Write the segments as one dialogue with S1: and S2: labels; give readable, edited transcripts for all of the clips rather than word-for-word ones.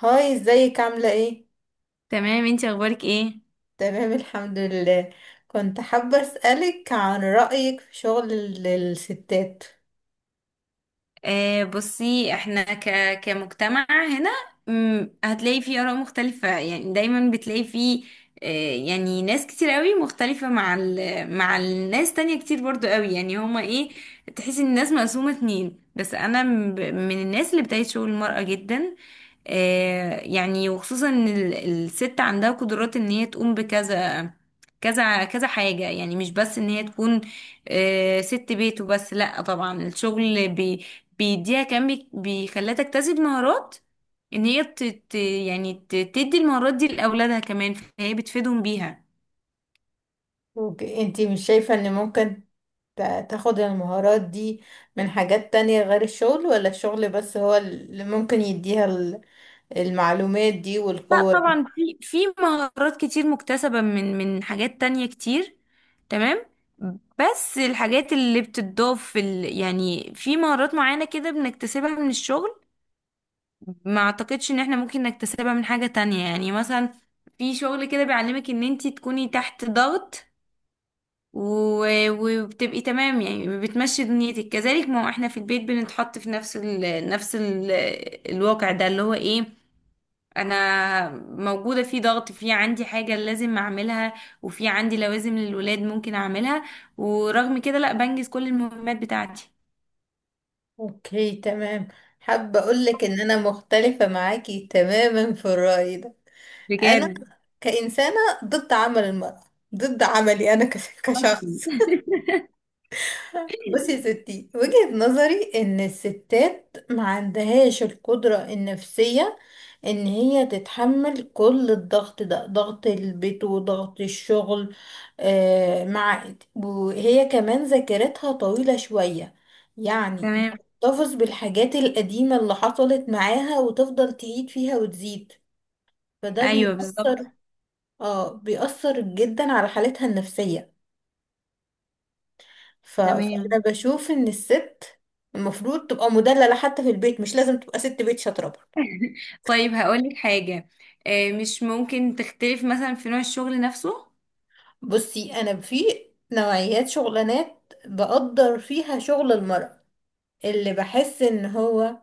S1: هاي، ازيك؟ عاملة ايه؟
S2: تمام، انتي اخبارك ايه؟
S1: تمام، الحمد لله. كنت حابة اسألك عن رأيك في شغل الستات.
S2: بصي احنا كمجتمع هنا. هتلاقي فيه آراء مختلفة، يعني دايما بتلاقي فيه. يعني ناس كتير قوي مختلفة مع الناس تانية كتير برضو قوي، يعني هما ايه، تحس ان الناس مقسومة اتنين. بس من الناس اللي بتعيش شغل المرأة جدا. يعني وخصوصا الست عندها قدرات ان هي تقوم بكذا كذا حاجة، يعني مش بس ان هي تكون ست بيت وبس. لا طبعا، الشغل بيديها كان بيخليها تكتسب مهارات، ان هي تدي المهارات دي لاولادها كمان، فهي بتفيدهم بيها.
S1: انتي مش شايفة ان ممكن تاخد المهارات دي من حاجات تانية غير الشغل، ولا الشغل بس هو اللي ممكن يديها المعلومات دي
S2: لا
S1: والقوة
S2: طبعا،
S1: دي؟
S2: في مهارات كتير مكتسبة من حاجات تانية كتير. تمام. بس الحاجات اللي بتضاف يعني في مهارات معينة كده بنكتسبها من الشغل، ما اعتقدش ان احنا ممكن نكتسبها من حاجة تانية. يعني مثلا في شغل كده بيعلمك ان انتي تكوني تحت ضغط وبتبقي تمام، يعني بتمشي دنيتك كذلك. ما هو احنا في البيت بنتحط في نفس ال الواقع ده، اللي هو ايه، انا موجودة في ضغط، في عندي حاجة لازم اعملها، وفي عندي لوازم للولاد ممكن اعملها، ورغم كده لا بنجز كل المهمات بتاعتي.
S1: اوكي، تمام. حابة اقولك ان انا مختلفة معاكي تماما في الرأي ده. انا
S2: بجد.
S1: كإنسانة ضد عمل المرأة، ضد عملي انا كشخص. بصي يا ستي، وجهة نظري ان الستات ما عندهاش القدرة النفسية ان هي تتحمل كل الضغط ده، ضغط البيت وضغط الشغل. آه مع، وهي كمان ذاكرتها طويلة شوية، يعني
S2: تمام.
S1: بتحتفظ بالحاجات القديمة اللي حصلت معاها وتفضل تعيد فيها وتزيد. فده
S2: ايوه بالظبط.
S1: بيأثر، اه بيأثر جدا على حالتها النفسية.
S2: تمام.
S1: فانا بشوف ان الست المفروض تبقى مدلله حتى في البيت، مش لازم تبقى ست بيت شاطره برضه.
S2: طيب هقولك حاجة، مش ممكن تختلف مثلا في نوع الشغل نفسه؟
S1: بصي، انا في نوعيات شغلانات بقدر فيها شغل المرأة، اللي بحس ان هو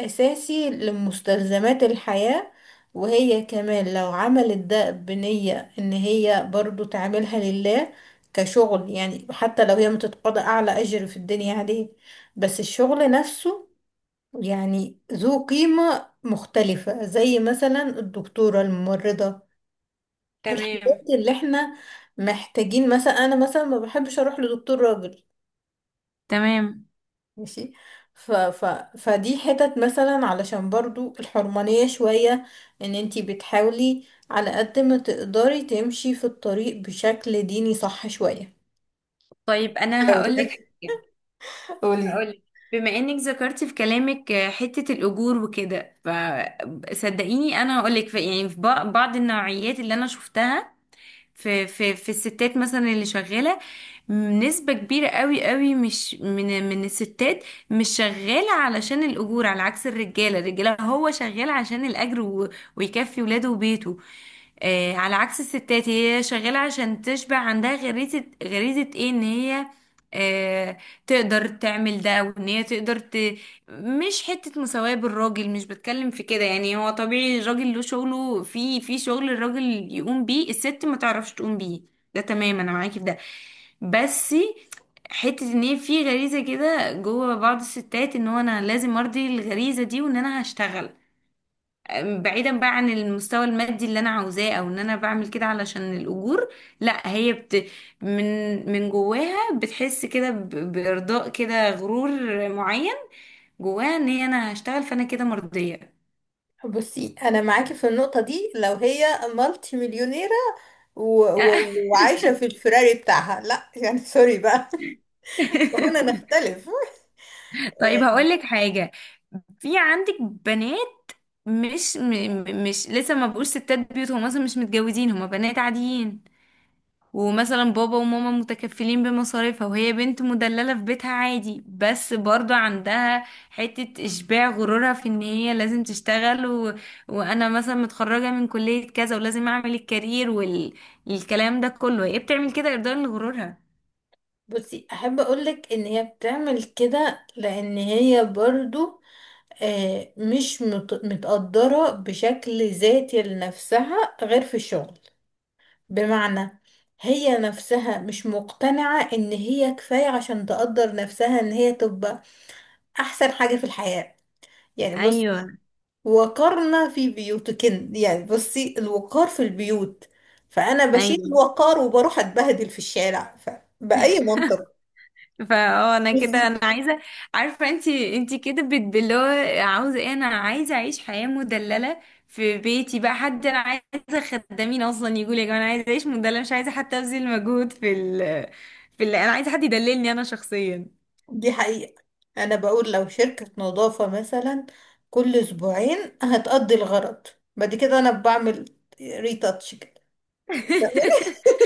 S1: اساسي لمستلزمات الحياة، وهي كمان لو عملت ده بنية ان هي برضو تعملها لله كشغل، يعني حتى لو هي متتقاضى اعلى اجر في الدنيا عليه، بس الشغل نفسه يعني ذو قيمة مختلفة، زي مثلا الدكتورة، الممرضة، الحاجات
S2: تمام.
S1: اللي احنا محتاجين. مثلا انا مثلا ما بحبش اروح لدكتور راجل،
S2: تمام.
S1: ماشي. ف ف فدي حتت مثلا، علشان برضو الحرمانية شوية، ان انتي بتحاولي على قد ما تقدري تمشي في الطريق بشكل ديني صح شوية.
S2: طيب انا هقولك حاجة،
S1: قولي.
S2: هقولك، بما انك ذكرتي في كلامك حتة الأجور وكده، فصدقيني انا هقولك في، يعني في بعض النوعيات اللي انا شفتها في الستات مثلا اللي شغالة، نسبة كبيرة قوي قوي مش من الستات مش شغالة علشان الأجور. على عكس الرجالة، هو شغال عشان الأجر ويكفي ولاده وبيته. آه، على عكس الستات، هي شغالة عشان تشبع عندها غريزة، ايه، ان هي آه، تقدر تعمل ده، وان هي تقدر مش حتة مساواة بالراجل، مش بتكلم في كده. يعني هو طبيعي الراجل له شغله، في شغل الراجل يقوم بيه الست ما تعرفش تقوم بيه. ده تمام، انا معاكي في ده. بس حتة ان هي في غريزة كده جوه بعض الستات، ان هو انا لازم ارضي الغريزة دي، وان انا هشتغل بعيدا بقى عن المستوى المادي اللي انا عاوزاه، او ان انا بعمل كده علشان الاجور. لا، هي بت، من من جواها بتحس كده بارضاء كده غرور معين جواها، ان هي انا هشتغل فانا كده مرضية.
S1: بصي انا معاكي في النقطة دي، لو هي مالتي مليونيرة وعايشة في الفراري بتاعها، لا يعني، سوري بقى. هنا نختلف.
S2: طيب هقولك حاجة، في عندك بنات مش مش لسه ما بقوش ستات بيوت، هم اصلا مش متجوزين، هم بنات عاديين، ومثلا بابا وماما متكفلين بمصاريفها، وهي بنت مدللة في بيتها عادي، بس برضو عندها حتة إشباع غرورها في إن هي لازم تشتغل وأنا مثلا متخرجة من كلية كذا ولازم أعمل الكارير والكلام ده كله. هي بتعمل كده إرضاء لغرورها.
S1: بصي، احب اقولك ان هي بتعمل كده لان هي برضو، مش متقدرة بشكل ذاتي لنفسها غير في الشغل. بمعنى، هي نفسها مش مقتنعة ان هي كفاية عشان تقدر نفسها ان هي تبقى احسن حاجة في الحياة، يعني.
S2: أيوه.
S1: وقرنا في بيوتكن، يعني بصي الوقار في البيوت، فأنا بشيل
S2: أيوه.
S1: الوقار وبروح أتبهدل في الشارع بأي منطق؟
S2: فاه انا
S1: بصي،
S2: كده انا عايزه. عارفه انت، انت كده بتبلوه، عاوزه ايه، انا عايزه اعيش حياه مدلله في بيتي بقى، حد انا عايزه خدامين اصلا. يقول يا جماعه انا عايزه اعيش مدلله، مش عايزه حتى ابذل مجهود في ال، انا عايزه حد يدللني انا شخصيا.
S1: دي حقيقة. أنا بقول لو شركة نظافة مثلا كل أسبوعين هتقضي الغرض، بعد كده أنا بعمل ريتاتش كده.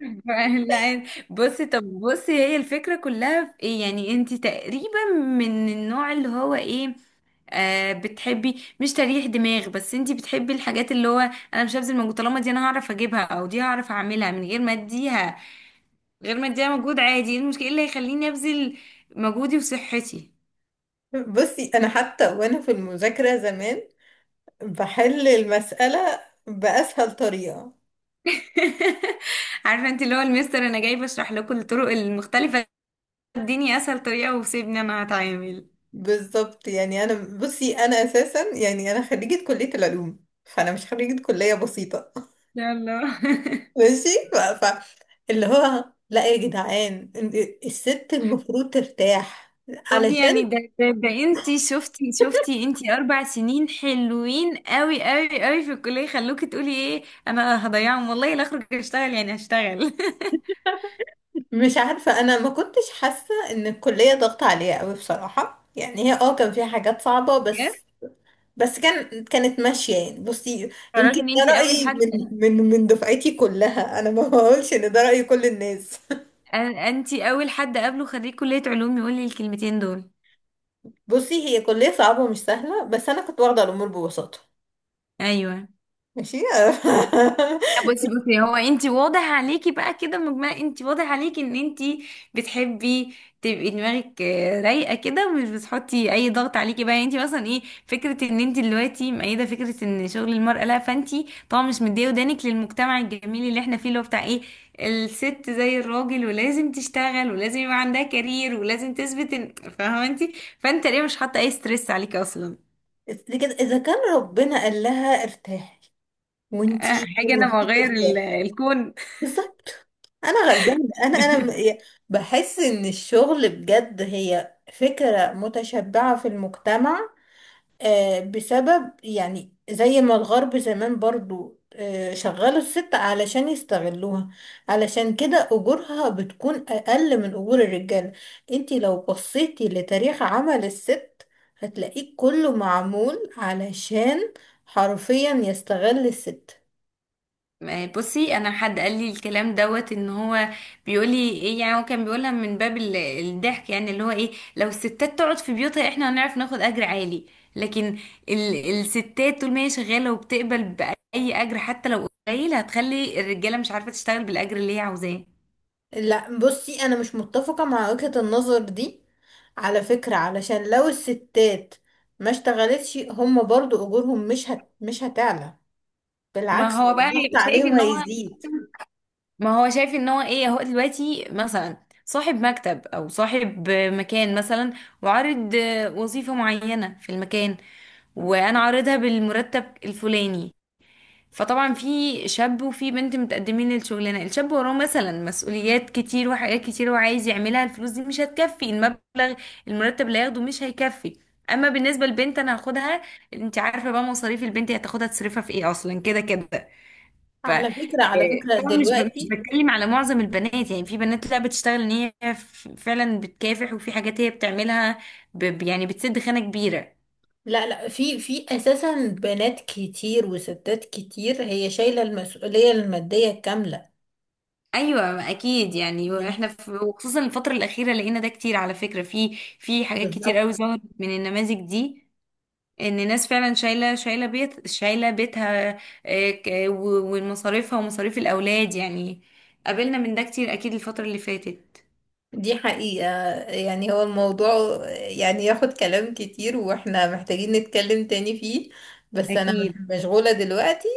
S2: لا. بصي، طب بصي، هي الفكره كلها في ايه؟ يعني انت تقريبا من النوع اللي هو ايه، آه، بتحبي مش تريح دماغ، بس انتي بتحبي الحاجات اللي هو، انا مش هبذل مجهود طالما دي انا هعرف اجيبها، او دي هعرف اعملها من غير ما اديها، مجهود. عادي، ايه المشكله، إيه اللي هيخليني ابذل مجهودي وصحتي؟
S1: بصي أنا حتى وأنا في المذاكرة زمان بحل المسألة بأسهل طريقة.
S2: عارفه انت اللي هو المستر، انا جاي بشرح لكم الطرق المختلفه، اديني اسهل طريقه وسيبني انا هتعامل.
S1: بالظبط. يعني انا، بصي انا اساسا، يعني انا خريجة كلية العلوم، فانا مش خريجة كلية بسيطة.
S2: يلا.
S1: ماشي اللي هو لا يا جدعان، الست المفروض ترتاح
S2: طب
S1: علشان.
S2: يعني ده انتي شفتي انتي اربع سنين حلوين قوي قوي قوي في الكلية، خلوكي تقولي ايه انا هضيعهم، والله لا اخرج اشتغل، يعني هشتغل.
S1: مش عارفة، انا ما كنتش حاسة ان الكلية ضغط عليها قوي بصراحة. يعني هي اه كان فيها حاجات صعبة،
S2: بجد.
S1: بس بس كان، كانت ماشية يعني. بصي، يمكن
S2: تعرفي ان
S1: ده
S2: انتي اول
S1: رأيي
S2: حد،
S1: من دفعتي كلها، انا ما بقولش ان ده رأي كل الناس.
S2: انتي اول حد قابله خريج كلية علوم يقول لي الكلمتين دول.
S1: بصي هي كلية صعبة ومش سهلة، بس أنا كنت واخدة الأمور ببساطة.
S2: ايوه.
S1: ماشي.
S2: بصي هو انت واضح عليكي بقى كده، مجمله انت واضح عليكي ان انت بتحبي تبقي دماغك رايقه كده، ومش بتحطي اي ضغط عليكي بقى. يعني انت مثلا ايه فكره ان انت دلوقتي مؤيده فكره ان شغل المراه لا، فانت طبعا مش مديه ودانك للمجتمع الجميل اللي احنا فيه، اللي هو بتاع ايه، الست زي الراجل ولازم تشتغل ولازم يبقى عندها كارير ولازم تثبت ان، فاهمه انت، فانت ليه مش حاطه اي ستريس عليكي اصلا؟
S1: لكن إذا كان ربنا قال لها ارتاحي، وانتي
S2: حاجه انا
S1: المفروض
S2: بغير
S1: ترتاحي.
S2: الكون.
S1: بالظبط. أنا غلبانة، أنا بحس إن الشغل بجد هي فكرة متشبعة في المجتمع، بسبب يعني زي ما الغرب زمان برضو شغلوا الست علشان يستغلوها. علشان كده أجورها بتكون أقل من أجور الرجال. انتي لو بصيتي لتاريخ عمل الست هتلاقيه كله معمول علشان حرفيا يستغل الست.
S2: بصي انا حد قال لي الكلام دوت، ان هو بيقول لي ايه، يعني هو كان بيقولها من باب الضحك، يعني اللي هو ايه، لو الستات تقعد في بيوتها احنا هنعرف ناخد اجر عالي. لكن الستات طول ما هي شغاله وبتقبل باي اجر حتى لو قليل، هتخلي الرجاله مش عارفه تشتغل بالاجر اللي هي عاوزاه.
S1: لا بصي، أنا مش متفقة مع وجهة النظر دي على فكرة. علشان لو الستات ما اشتغلتش هم برضو أجورهم مش مش هتعلى،
S2: ما
S1: بالعكس
S2: هو بقى
S1: الضغط
S2: هيبقى شايف
S1: عليهم
S2: ان هو،
S1: هيزيد.
S2: ما هو شايف ان هو ايه، هو دلوقتي مثلا صاحب مكتب او صاحب مكان مثلا، وعارض وظيفة معينة في المكان، وانا عارضها بالمرتب الفلاني، فطبعا في شاب وفي بنت متقدمين للشغلانه. الشاب وراه مثلا مسؤوليات كتير وحاجات كتير وعايز يعملها، الفلوس دي مش هتكفي، المبلغ، المرتب اللي هياخده مش هيكفي. اما بالنسبه للبنت، انا هاخدها، انت عارفه بقى مصاريف البنت، هتاخدها تصرفها في ايه اصلا كده كده. ف
S1: على فكرة، على فكرة
S2: طبعا مش
S1: دلوقتي،
S2: بتكلم على معظم البنات، يعني في بنات لا بتشتغل ان هي فعلا بتكافح، وفي حاجات هي بتعملها يعني بتسد خانة كبيرة.
S1: لا لا، في اساسا بنات كتير وستات كتير هي شايلة المسؤولية المادية الكاملة،
S2: ايوه اكيد، يعني
S1: يعني.
S2: واحنا في، وخصوصا الفترة الأخيرة لقينا ده كتير على فكرة، في حاجات كتير قوي
S1: بالظبط.
S2: ظهرت من النماذج دي، ان ناس فعلا شايله شايله بيتها ومصاريفها ومصاريف الاولاد، يعني قابلنا من ده كتير اكيد الفترة اللي فاتت.
S1: دي حقيقة. يعني هو الموضوع يعني ياخد كلام كتير، واحنا محتاجين نتكلم تاني فيه، بس انا
S2: اكيد.
S1: مشغولة دلوقتي.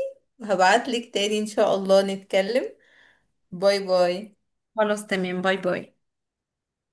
S1: هبعتلك تاني ان شاء الله نتكلم. باي باي.
S2: خلاص تمام، باي باي.